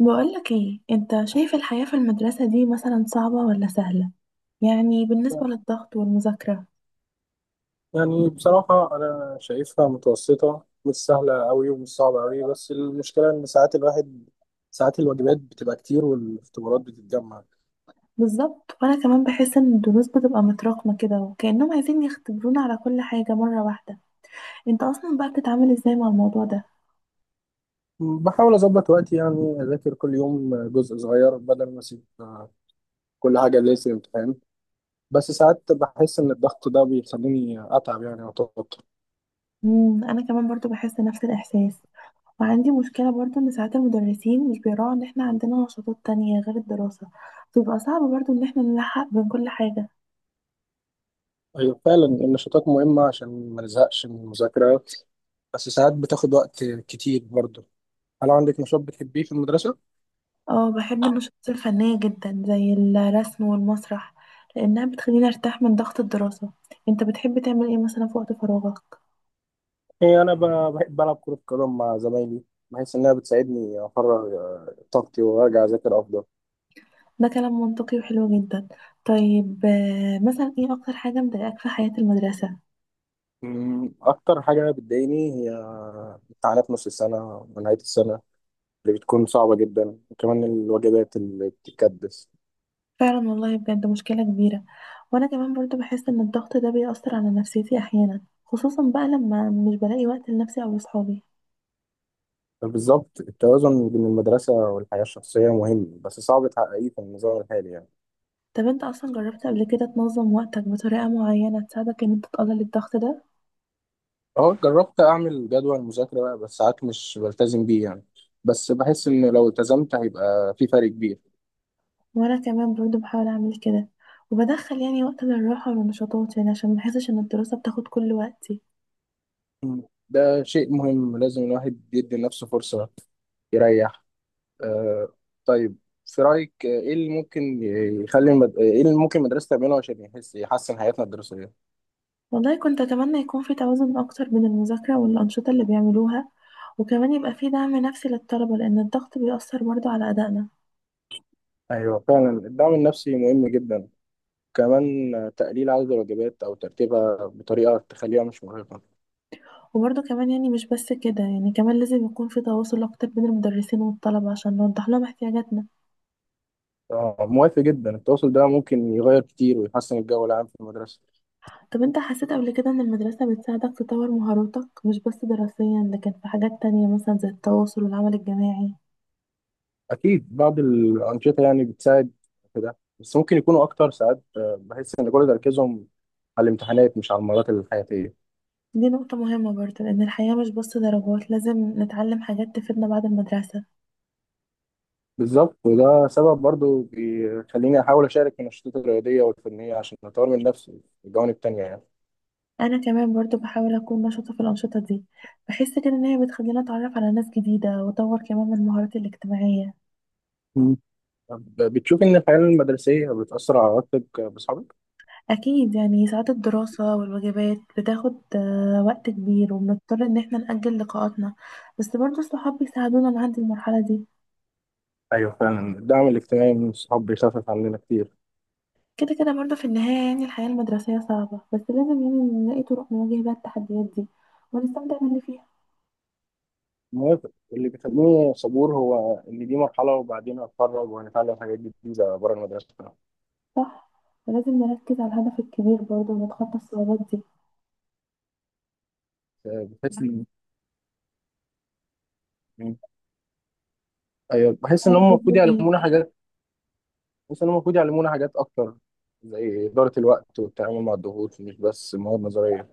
بقولك ايه، انت شايف الحياة في المدرسة دي مثلا صعبة ولا سهلة؟ يعني بالنسبة للضغط والمذاكرة. يعني بصراحة أنا شايفها متوسطة، مش سهلة أوي ومش صعبة أوي، بس المشكلة إن ساعات الواجبات بتبقى كتير والاختبارات بتتجمع. بالظبط، وانا كمان بحس ان الدروس بتبقى متراكمة كده، وكأنهم عايزين يختبرونا على كل حاجة مرة واحدة. انت اصلا بقى بتتعامل ازاي مع الموضوع ده؟ بحاول أظبط وقتي، يعني أذاكر كل يوم جزء صغير بدل ما أسيب كل حاجة ليلة الامتحان. بس ساعات بحس إن الضغط ده بيخليني أتعب، يعني أو أتوتر. انا كمان برضو بحس نفس الاحساس، وعندي مشكلة برضو ان ساعات المدرسين مش بيراعوا ان احنا عندنا نشاطات تانية غير الدراسة. بيبقى صعب برضو ان احنا نلحق بين كل حاجة. أيوة فعلا النشاطات مهمة عشان ما نزهقش من المذاكرة، بس ساعات بتاخد وقت كتير برضه. هل عندك نشاط بتحبيه في المدرسة؟ اه، بحب النشاطات الفنية جدا زي الرسم والمسرح، لأنها بتخليني أرتاح من ضغط الدراسة. انت بتحب تعمل ايه مثلا في وقت فراغك؟ هي أنا بحب ألعب كرة قدم مع زمايلي، بحيث إنها بتساعدني أفرغ طاقتي وأرجع أذاكر أفضل. ده كلام منطقي وحلو جدا. طيب، مثلا ايه أكتر حاجة مضايقاك في حياة المدرسة؟ أكتر حاجة بتضايقني هي امتحانات نص السنة ونهاية السنة، اللي بتكون صعبة جدا، وكمان الواجبات اللي بتتكدس. فعلا والله، بجد مشكلة كبيرة. وأنا كمان برضو بحس إن الضغط ده بيأثر على نفسيتي أحيانا، خصوصا بقى لما مش بلاقي وقت لنفسي أو لصحابي. فبالظبط، التوازن بين المدرسة والحياة الشخصية مهم بس صعب تحققيه في النظام الحالي، يعني طب انت أصلا جربت قبل كده تنظم وقتك بطريقة معينة تساعدك إن انت تقلل الضغط ده؟ أه جربت أعمل جدول مذاكرة بقى، بس ساعات مش بلتزم بيه يعني. بس بحس إن لو التزمت هيبقى في فرق كبير. وانا كمان برضو بحاول اعمل كده، وبدخل يعني وقت للراحة والنشاطات، يعني عشان ما احسش ان الدراسة بتاخد كل وقتي. مم. ده شيء مهم، لازم الواحد يدي لنفسه فرصة يريح. آه، طيب، في رأيك ايه اللي ممكن ايه اللي ممكن المدرسة تعمله عشان يحسن حياتنا الدراسية؟ والله كنت اتمنى يكون في توازن اكتر بين المذاكرة والانشطة اللي بيعملوها، وكمان يبقى في دعم نفسي للطلبة، لان الضغط بيأثر برضو على ادائنا. ايوه فعلا الدعم النفسي مهم جدا، كمان تقليل عدد الواجبات او ترتيبها بطريقة تخليها مش مرهقة. وبرضو كمان يعني مش بس كده، يعني كمان لازم يكون في تواصل اكتر بين المدرسين والطلبة عشان نوضح لهم احتياجاتنا. آه، موافق جدا، التواصل ده ممكن يغير كتير ويحسن الجو العام في المدرسة. طب انت حسيت قبل كده ان المدرسة بتساعدك تطور مهاراتك، مش بس دراسيا لكن في حاجات تانية مثلا زي التواصل والعمل الجماعي؟ اكيد بعض الأنشطة يعني بتساعد في ده، بس ممكن يكونوا اكتر، ساعات بحس ان كل تركيزهم على الامتحانات مش على المهارات الحياتية. دي نقطة مهمة برضو، لأن الحياة مش بس درجات، لازم نتعلم حاجات تفيدنا بعد المدرسة. بالظبط، وده سبب برضو بيخليني أحاول أشارك في النشاطات الرياضية والفنية عشان أطور من نفسي في الجوانب التانية، يعني. أنا كمان برضو بحاول أكون نشطة في الأنشطة دي. بحس كده إن هي بتخليني أتعرف على ناس جديدة وأطور كمان من مهاراتي الاجتماعية. مم. طب بتشوف إن الحياة المدرسية بتأثر على علاقتك بأصحابك؟ أكيد يعني، ساعات الدراسة والواجبات بتاخد وقت كبير، وبنضطر إن احنا نأجل لقاءاتنا. بس برضو الصحاب بيساعدونا نعدي المرحلة دي. أيوه فعلا الدعم الاجتماعي من الصحاب بيخفف عننا كتير. كده كده برضو في النهاية، يعني الحياة المدرسية صعبة، بس لازم يعني نلاقي طرق نواجه بيها التحديات دي، ونستمتع باللي فيها. موافق، اللي بيخليني صبور هو إن دي مرحلة، وبعدين هتخرج وهنتعلم حاجات جديدة بره المدرسة. صح، ولازم نركز على الهدف الكبير برضه ونتخطى الصعوبات دي. بحس إن أيوه، بحس إن عارف هم المفروض بتقول يعلمونا ايه؟ حاجات. بس أنا المفروض يعلمونا حاجات أكتر، زي إدارة الوقت والتعامل مع الضغوط، مش بس مواد نظرية.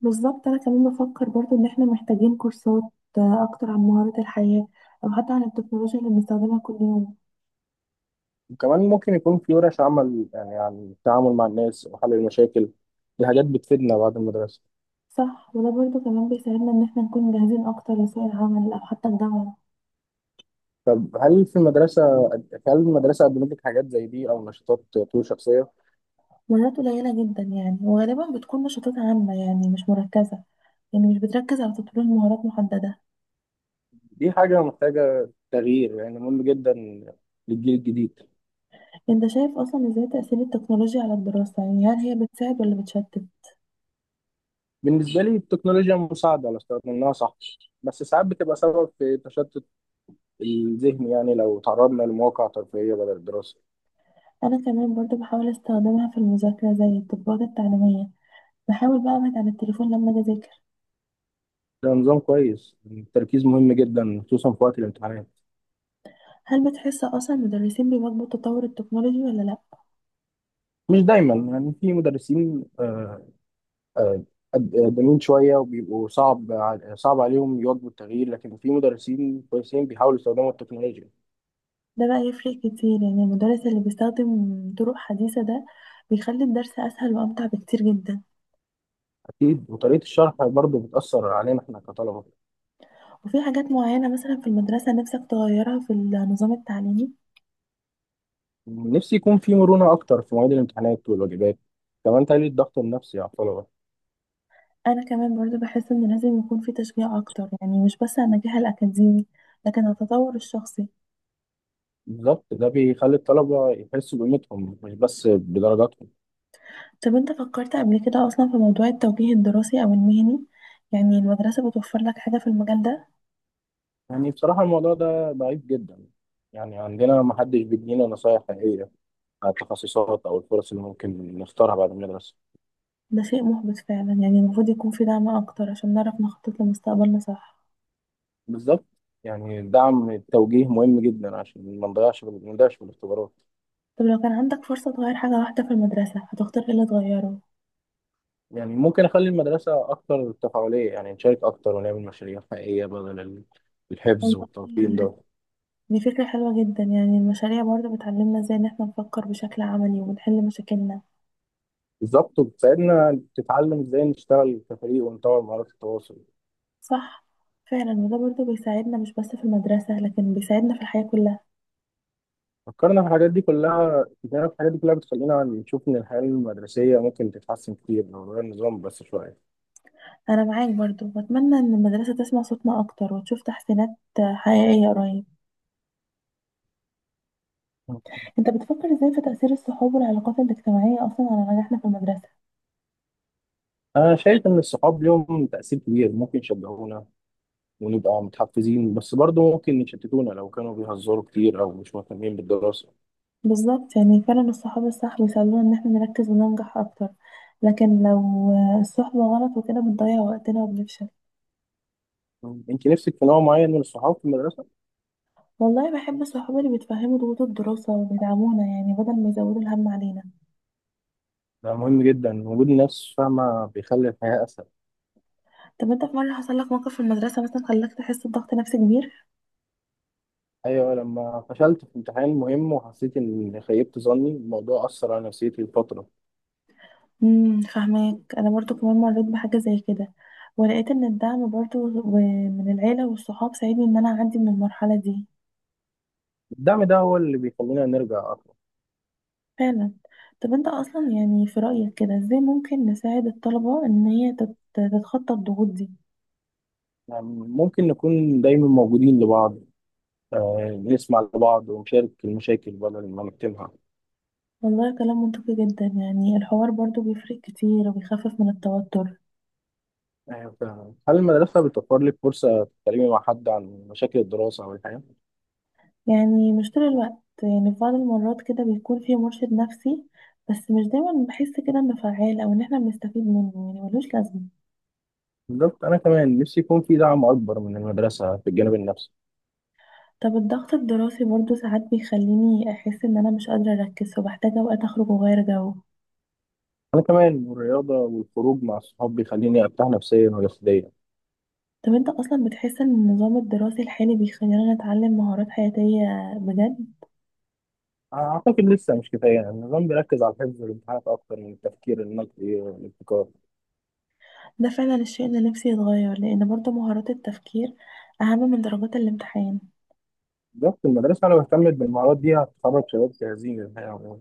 بالظبط، انا كمان بفكر برضه ان احنا محتاجين كورسات اكتر عن مهارات الحياة، او حتى عن التكنولوجيا اللي بنستخدمها كل يوم. وكمان ممكن يكون في ورش عمل، يعني عن التعامل مع الناس وحل المشاكل، دي حاجات بتفيدنا بعد المدرسة. صح، وده برضه كمان بيساعدنا ان احنا نكون جاهزين اكتر لسوق العمل، او حتى الجامعة. طب هل في المدرسة هل المدرسة قدمت لك حاجات زي دي أو نشاطات تطوير شخصية؟ مهارات قليلة جدا يعني، وغالبا بتكون نشاطات عامة، يعني مش مركزة. يعني مش بتركز على تطوير مهارات محددة. دي حاجة محتاجة تغيير، يعني مهم جدا للجيل الجديد. انت شايف اصلا ازاي تأثير التكنولوجيا على الدراسة؟ يعني هل هي بتساعد ولا بتشتت؟ بالنسبة لي التكنولوجيا مساعدة لو استخدمناها صح، بس ساعات بتبقى سبب في تشتت الذهن، يعني لو تعرضنا لمواقع ترفيهية بدل الدراسة. انا كمان برضو بحاول استخدمها في المذاكره، زي التطبيقات التعليميه. بحاول بقى ابعد عن التليفون لما اجي اذاكر. ده نظام كويس، التركيز مهم جدا خصوصا في وقت الامتحانات. هل بتحس اصلا المدرسين بيواكبوا تطور التكنولوجي ولا لا؟ مش دايما، يعني في مدرسين آه، قدامين شوية وبيبقوا صعب صعب عليهم يواكبوا التغيير، لكن في مدرسين كويسين بيحاولوا يستخدموا التكنولوجيا. ده بقى يفرق كتير، يعني المدرس اللي بيستخدم طرق حديثه ده بيخلي الدرس اسهل وامتع بكتير جدا. أكيد، وطريقة الشرح برضه بتأثر علينا إحنا كطلبة. وفي حاجات معينه مثلا في المدرسه نفسك تغيرها في النظام التعليمي؟ نفسي يكون في مرونة أكتر في مواعيد الامتحانات والواجبات، كمان تقليل الضغط النفسي على الطلبة. انا كمان برضو بحس ان لازم يكون في تشجيع اكتر، يعني مش بس على النجاح الاكاديمي، لكن على التطور الشخصي. بالظبط، ده بيخلي الطلبة يحسوا بقيمتهم مش بس بدرجاتهم. طب انت فكرت قبل كده اصلا في موضوع التوجيه الدراسي او المهني؟ يعني المدرسة بتوفر لك حاجة في المجال ده؟ يعني بصراحة الموضوع ده ضعيف جدا، يعني عندنا ما حدش بيدينا نصايح حقيقية على التخصصات أو الفرص اللي ممكن نختارها بعد المدرسة. ده شيء محبط فعلا، يعني المفروض يكون في دعم اكتر عشان نعرف نخطط لمستقبلنا صح. بالظبط. يعني دعم التوجيه مهم جدا عشان ما نضيعش في الاختبارات. طب لو كان عندك فرصة تغير حاجة واحدة في المدرسة، هتختار ايه اللي تغيره؟ يعني ممكن أخلي المدرسة أكتر تفاعلية، يعني نشارك أكتر ونعمل مشاريع حقيقية بدل الحفظ والتلقين والله ده. دي فكرة حلوة جدا، يعني المشاريع برضه بتعلمنا ازاي ان احنا نفكر بشكل عملي ونحل مشاكلنا. بالظبط، وبتساعدنا تتعلم إزاي نشتغل كفريق ونطور مهارات التواصل. صح، فعلا، وده برضه بيساعدنا مش بس في المدرسة، لكن بيساعدنا في الحياة كلها. فكرنا في الحاجات دي كلها بتخلينا نشوف إن الحياة المدرسية ممكن تتحسن كتير لو غير النظام بس شوية. انا معاك برضو، واتمنى ان المدرسه تسمع صوتنا اكتر، وتشوف تحسينات حقيقيه قريب. انت بتفكر ازاي في تاثير الصحاب والعلاقات الاجتماعيه اصلا على نجاحنا في المدرسه؟ أنا شايف إن الصحاب ليهم تأثير كبير، ممكن يشجعونا ونبقى متحفزين، بس برضه ممكن يشتتونا لو كانوا بيهزروا كتير أو مش مهتمين بالدراسة. بالظبط، يعني فعلا الصحاب الصح بيساعدونا ان احنا نركز وننجح اكتر، لكن لو الصحبه غلط وكده بنضيع وقتنا وبنفشل. أنت نفسك في نوع معين من الصحاب في المدرسة؟ والله بحب الصحاب اللي بيتفهموا ضغوط الدراسه وبيدعمونا، يعني بدل ما يزودوا الهم علينا. ده مهم جدا، وجود ناس فاهمة بيخلي الحياة أسهل. طب انت في مره حصل لك موقف في المدرسه مثلا خلاك تحس بضغط نفسي كبير؟ أيوة، لما فشلت في امتحان مهم وحسيت إني خيبت ظني، الموضوع أثر على نفسيتي لفترة. فاهمك، انا برضو كمان مريت بحاجه زي كده. ولقيت ان الدعم برضو من العيله والصحاب ساعدني ان انا اعدي من المرحله دي. الدعم ده هو اللي بيخلينا نرجع أكتر. فعلا. طب انت اصلا يعني في رايك كده ازاي ممكن نساعد الطلبه ان هي تتخطى الضغوط دي؟ ممكن نكون دايما موجودين لبعض، بنسمع لبعض ونشارك المشاكل بدل ما نكتمها. والله كلام منطقي جدا، يعني الحوار برضو بيفرق كتير وبيخفف من التوتر. آه، ف- هل المدرسة بتوفر لك فرصة تتكلمي مع حد عن مشاكل الدراسة أو الحياة؟ يعني مش طول الوقت، يعني في بعض المرات كده بيكون في مرشد نفسي، بس مش دايما بحس كده انه فعال، او ان احنا بنستفيد منه، يعني ملوش لازمه. بالظبط، أنا كمان نفسي يكون في دعم أكبر من المدرسة في الجانب النفسي. طب الضغط الدراسي برضو ساعات بيخليني أحس إن أنا مش قادرة أركز، فبحتاج أوقات أخرج وأغير جو. أنا كمان، والرياضة والخروج مع الصحاب بيخليني أرتاح نفسيا وجسديا. طب أنت أصلا بتحس إن النظام الدراسي الحالي بيخلينا نتعلم مهارات حياتية بجد؟ أعتقد لسه مش كفاية، يعني النظام بيركز على الحفظ والامتحانات أكتر من التفكير النقدي والابتكار. ده فعلا الشيء اللي نفسي يتغير، لأن برضو مهارات التفكير أهم من درجات الامتحان. بالظبط، المدرسة لو اهتمت بالمهارات دي هتخرج شباب جاهزين للحياة.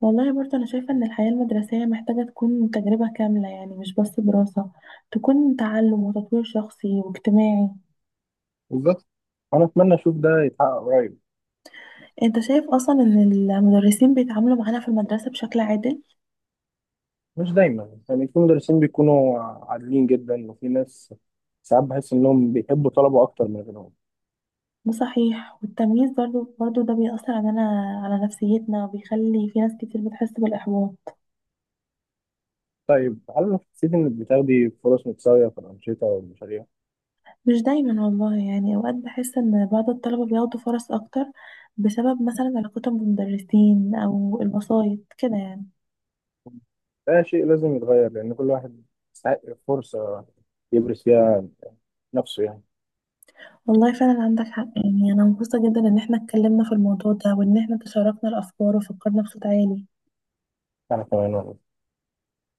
والله برضو أنا شايفة إن الحياة المدرسية محتاجة تكون تجربة كاملة، يعني مش بس دراسة، تكون تعلم وتطوير شخصي واجتماعي. بالظبط، انا اتمنى اشوف ده يتحقق قريب. أنت شايف أصلا إن المدرسين بيتعاملوا معانا في المدرسة بشكل عادل؟ مش دايما، يعني في مدرسين بيكونوا عادلين جدا، وفي ناس ساعات بحس انهم بيحبوا طلبه اكتر من غيرهم. ده صحيح، والتمييز برضو ده بيأثر علينا، على نفسيتنا، وبيخلي في ناس كتير بتحس بالإحباط. طيب، هل حسيت انك بتاخدي فرص متساويه في الانشطه والمشاريع؟ مش دايما والله، يعني أوقات بحس إن بعض الطلبة بياخدوا فرص أكتر، بسبب مثلا علاقتهم بالمدرسين أو الوسايط كده يعني. ده شيء لازم يتغير، لان كل واحد يستحق فرصه يبرز فيها نفسه يعني. والله فعلا عندك حق، يعني أنا مبسوطة جدا إن احنا اتكلمنا في الموضوع ده، وإن احنا تشاركنا الأفكار وفكرنا بصوت عالي. انا كمان والله.